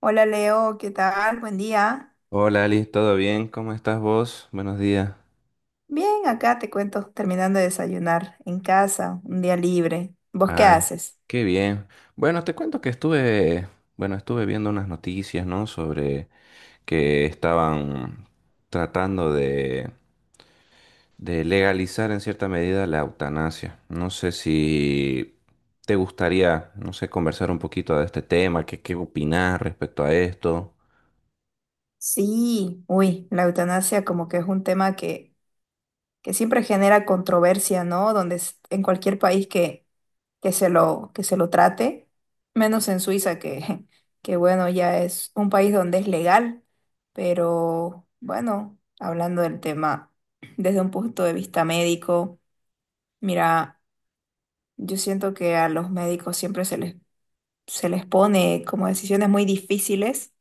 Hola Leo, ¿qué tal? Buen día. Hola Ali, ¿todo bien? ¿Cómo estás vos? Buenos días. Bien, acá te cuento, terminando de desayunar en casa, un día libre. ¿Vos qué Ay, haces? qué bien. Bueno, te cuento que estuve viendo unas noticias, ¿no? Sobre que estaban tratando de legalizar en cierta medida la eutanasia. No sé si te gustaría, no sé, conversar un poquito de este tema, qué opinás respecto a esto. Sí, uy, la eutanasia como que es un tema que siempre genera controversia, ¿no? Donde en cualquier país que se lo, que se lo trate, menos en Suiza, que, que bueno, ya es un país donde es legal, pero bueno, hablando del tema desde un punto de vista médico, mira. Yo siento que a los médicos siempre se les pone como decisiones muy difíciles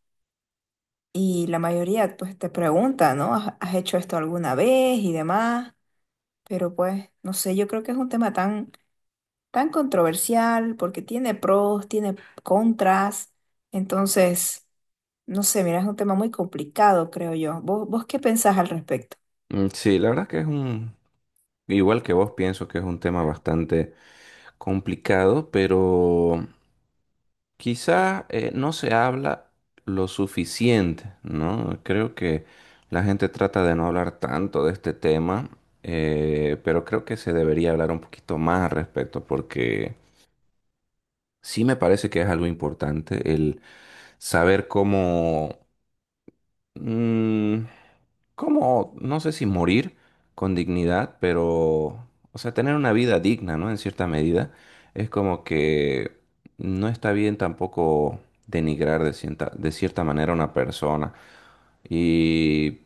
y la mayoría pues te pregunta, ¿no? ¿Has hecho esto alguna vez y demás? Pero pues, no sé, yo creo que es un tema tan, tan controversial porque tiene pros, tiene contras. Entonces, no sé, mira, es un tema muy complicado, creo yo. ¿Vos qué pensás al respecto? Sí, la verdad que es igual que vos, pienso que es un tema bastante complicado, pero quizás no se habla lo suficiente, ¿no? Creo que la gente trata de no hablar tanto de este tema, pero creo que se debería hablar un poquito más al respecto porque sí me parece que es algo importante el saber cómo... mm, como, no sé si morir con dignidad, pero, o sea, tener una vida digna, ¿no? En cierta medida, es como que no está bien tampoco denigrar de de cierta manera a una persona. Y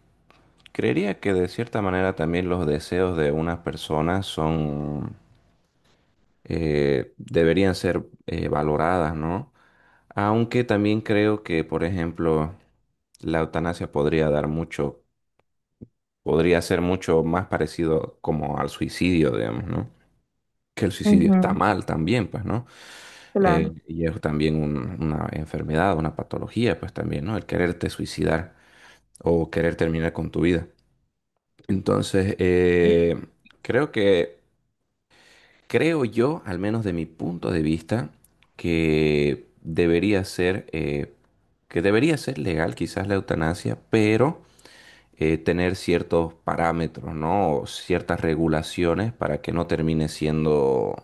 creería que de cierta manera también los deseos de unas personas deberían ser valoradas, ¿no? Aunque también creo que, por ejemplo, la eutanasia podría ser mucho más parecido como al suicidio, digamos, ¿no? Que el suicidio está Ujú. mal también, pues, ¿no? Claro, Y es también una enfermedad, una patología, pues también, ¿no? El quererte suicidar o querer terminar con tu vida. Entonces, creo que, creo yo, al menos de mi punto de vista, que debería ser que debería ser legal quizás la eutanasia, pero tener ciertos parámetros, ¿no? O ciertas regulaciones para que no termine siendo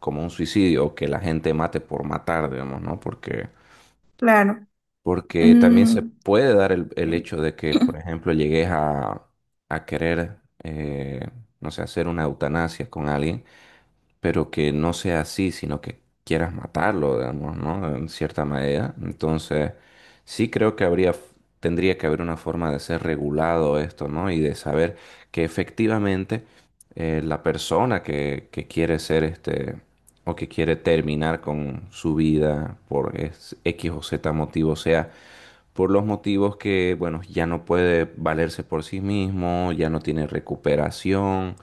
como un suicidio o que la gente mate por matar, digamos, ¿no? Porque, claro. porque también se Mm. puede dar el hecho de que, por ejemplo, llegues a querer, eh, no sé, hacer una eutanasia con alguien pero que no sea así, sino que quieras matarlo, digamos, ¿no? En cierta medida. Entonces, sí creo que habría, tendría que haber una forma de ser regulado esto, ¿no? Y de saber que efectivamente la persona que quiere ser este, o que quiere terminar con su vida por X o Z motivo, sea por los motivos que, bueno, ya no puede valerse por sí mismo, ya no tiene recuperación,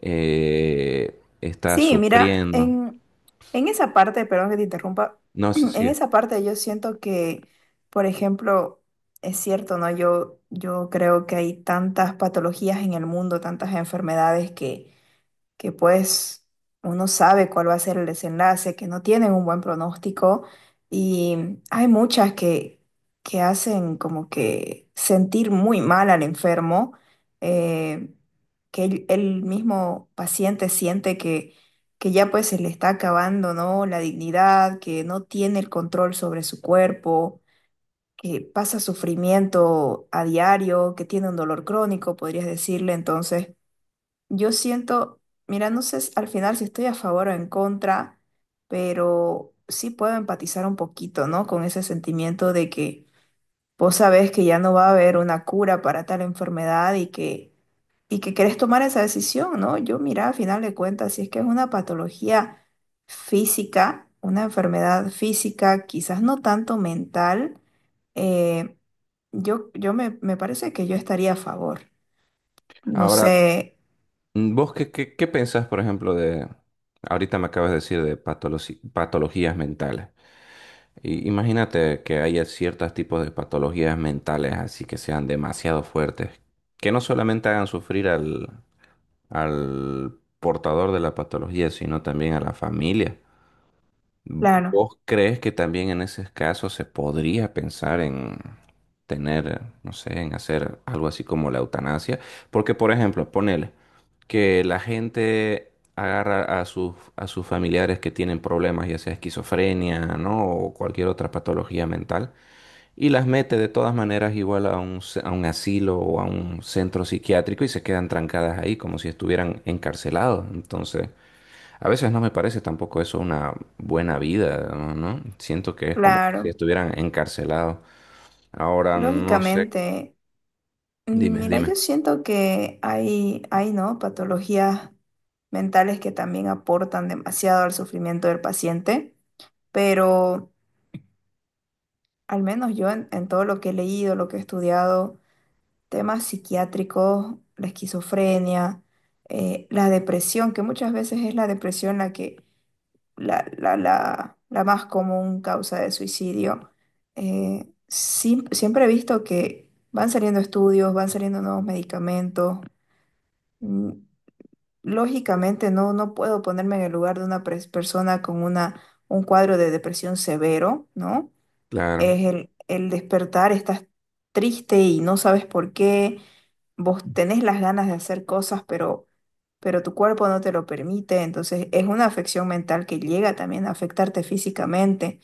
está Sí, mira, sufriendo. en esa parte, perdón que te interrumpa, No sé en si... esa parte yo siento que, por ejemplo, es cierto, ¿no? Yo creo que hay tantas patologías en el mundo, tantas enfermedades que pues uno sabe cuál va a ser el desenlace, que no tienen un buen pronóstico y hay muchas que hacen como que sentir muy mal al enfermo, eh, que el mismo paciente siente que ya pues se le está acabando, ¿no? La dignidad, que no tiene el control sobre su cuerpo, que pasa sufrimiento a diario, que tiene un dolor crónico, podrías decirle. Entonces yo siento, mira, no sé al final si estoy a favor o en contra, pero sí puedo empatizar un poquito, ¿no? Con ese sentimiento de que vos sabés que ya no va a haber una cura para tal enfermedad y que querés tomar esa decisión, ¿no? Yo, mira, al final de cuentas, si es que es una patología física, una enfermedad física, quizás no tanto mental, eh, yo me, me parece que yo estaría a favor. No Ahora, sé, vos qué pensás, por ejemplo, de... Ahorita me acabas de decir de patologías mentales. Y imagínate que haya ciertos tipos de patologías mentales así que sean demasiado fuertes, que no solamente hagan sufrir al portador de la patología, sino también a la familia. claro, ¿Vos crees que también en ese caso se podría pensar en tener, no sé, en hacer algo así como la eutanasia? Porque, por ejemplo, ponele que la gente agarra a a sus familiares que tienen problemas, ya sea esquizofrenia, ¿no? O cualquier otra patología mental, y las mete de todas maneras igual a a un asilo o a un centro psiquiátrico y se quedan trancadas ahí como si estuvieran encarcelados. Entonces... A veces no me parece tampoco eso una buena vida, ¿no? ¿No? Siento que es como que si claro. estuvieran encarcelados. Ahora no sé. Lógicamente, Dime, mira, yo dime. siento que hay, ¿no? Patologías mentales que también aportan demasiado al sufrimiento del paciente, pero al menos yo en todo lo que he leído, lo que he estudiado, temas psiquiátricos, la esquizofrenia, la depresión, que muchas veces es la depresión la que la más común causa de suicidio. Siempre he visto que van saliendo estudios, van saliendo nuevos medicamentos. Mm, Lógicamente no puedo ponerme en el lugar de una persona con un cuadro de depresión severo, ¿no? Claro, Es el despertar, estás triste y no sabes por qué, vos tenés las ganas de hacer cosas, pero tu cuerpo no te lo permite. Entonces es una afección mental que llega también a afectarte físicamente,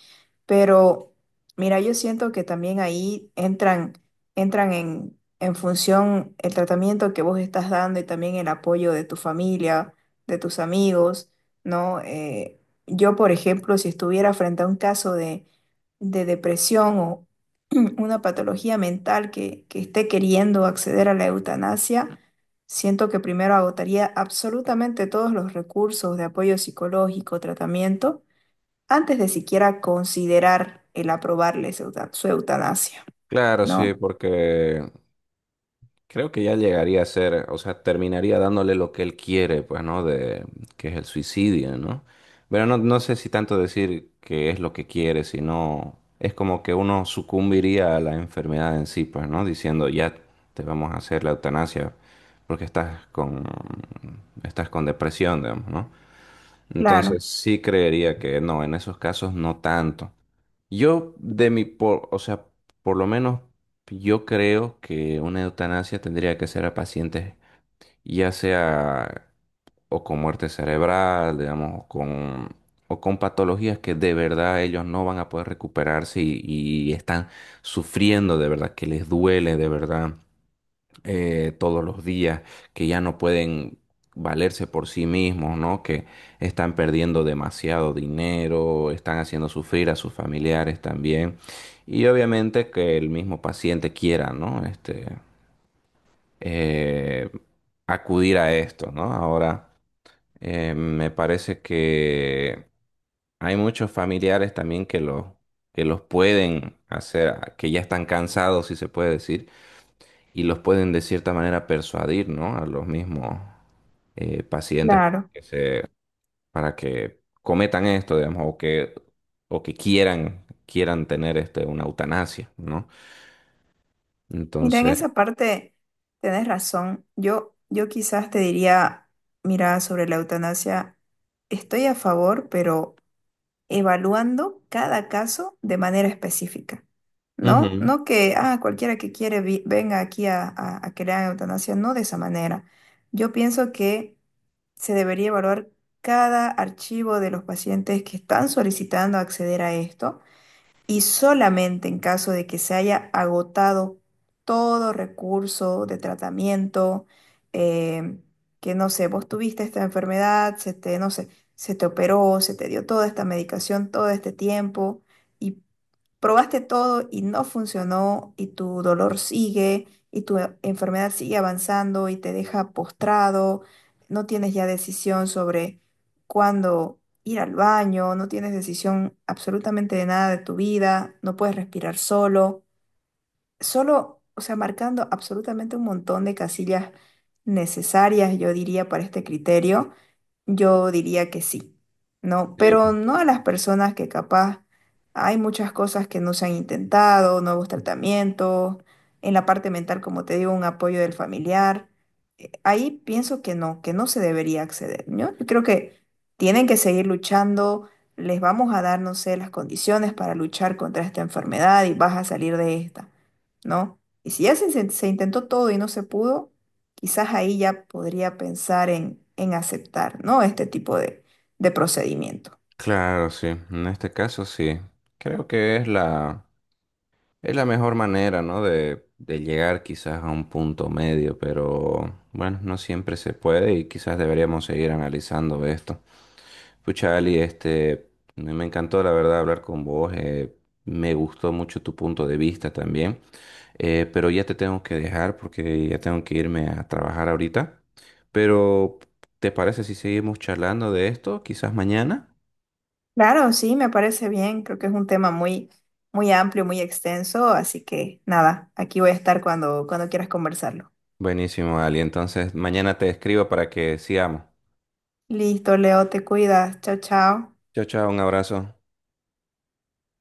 pero mira, yo siento que también ahí entran en función el tratamiento que vos estás dando y también el apoyo de tu familia, de tus amigos, ¿no? Yo, por ejemplo, si estuviera frente a un caso de depresión o una patología mental que esté queriendo acceder a la eutanasia. Siento que primero agotaría absolutamente todos los recursos de apoyo psicológico, tratamiento, antes de siquiera considerar el aprobarle su eutanasia, claro, sí, ¿no? porque creo que ya llegaría a ser, o sea, terminaría dándole lo que él quiere, pues, ¿no? De que es el suicidio, ¿no? Pero no, no sé si tanto decir que es lo que quiere, sino es como que uno sucumbiría a la enfermedad en sí, pues, ¿no? Diciendo, ya te vamos a hacer la eutanasia porque estás con depresión, digamos, ¿no? Claro, Entonces sí creería que no, en esos casos no tanto. Yo, de mi, por, O sea, por lo menos yo creo que una eutanasia tendría que ser a pacientes, ya sea o con muerte cerebral, digamos, o con patologías que de verdad ellos no van a poder recuperarse y están sufriendo de verdad, que les duele de verdad todos los días, que ya no pueden valerse por sí mismos, ¿no? Que están perdiendo demasiado dinero, están haciendo sufrir a sus familiares también. Y obviamente que el mismo paciente quiera, ¿no? Este, eh, acudir a esto, ¿no? Ahora, me parece que hay muchos familiares también que los pueden hacer, que ya están cansados, si se puede decir, y los pueden de cierta manera persuadir, ¿no? A los mismos pacientes para claro. que para que cometan esto, digamos, o que quieran tener este, una eutanasia, ¿no? Mira, en Entonces, esa parte tenés razón. Yo quizás te diría, mira, sobre la eutanasia, estoy a favor, pero evaluando cada caso de manera específica, ¿no? ujú. No que, ah, cualquiera que quiere venga aquí a, a que le hagan eutanasia, no de esa manera. Yo pienso que se debería evaluar cada archivo de los pacientes que están solicitando acceder a esto y solamente en caso de que se haya agotado todo recurso de tratamiento, eh, que no sé, vos tuviste esta enfermedad, se te, no sé, se te operó, se te dio toda esta medicación todo este tiempo y probaste todo y no funcionó y tu dolor sigue y tu enfermedad sigue avanzando y te deja postrado, no tienes ya decisión sobre cuándo ir al baño, no tienes decisión absolutamente de nada de tu vida, no puedes respirar solo, o sea, marcando absolutamente un montón de casillas necesarias, yo diría, para este criterio, yo diría que sí, ¿no? Sí, Pero pues. no a las personas que capaz hay muchas cosas que no se han intentado, nuevos tratamientos, en la parte mental, como te digo, un apoyo del familiar. Ahí pienso que no se debería acceder, ¿no? Yo creo que tienen que seguir luchando, les vamos a dar, no sé, las condiciones para luchar contra esta enfermedad y vas a salir de esta. ¿No? Y si ya se intentó todo y no se pudo, quizás ahí ya podría pensar en aceptar, ¿no? Este tipo de procedimiento. Claro, sí, en este caso sí, creo que es es la mejor manera, ¿no? De llegar quizás a un punto medio, pero bueno, no siempre se puede y quizás deberíamos seguir analizando esto. Pucha, Ali, este, me encantó la verdad hablar con vos. Me gustó mucho tu punto de vista también. Pero ya te tengo que dejar porque ya tengo que irme a trabajar ahorita. Pero, ¿te parece si seguimos charlando de esto? Quizás mañana. Claro, sí, me parece bien. Creo que es un tema muy, muy amplio, muy extenso, así que nada, aquí voy a estar cuando, cuando quieras conversarlo. Buenísimo, Ali. Entonces, mañana te escribo para que sigamos. Listo, Leo, te cuidas. Chao, chao. Chao, chao, un abrazo.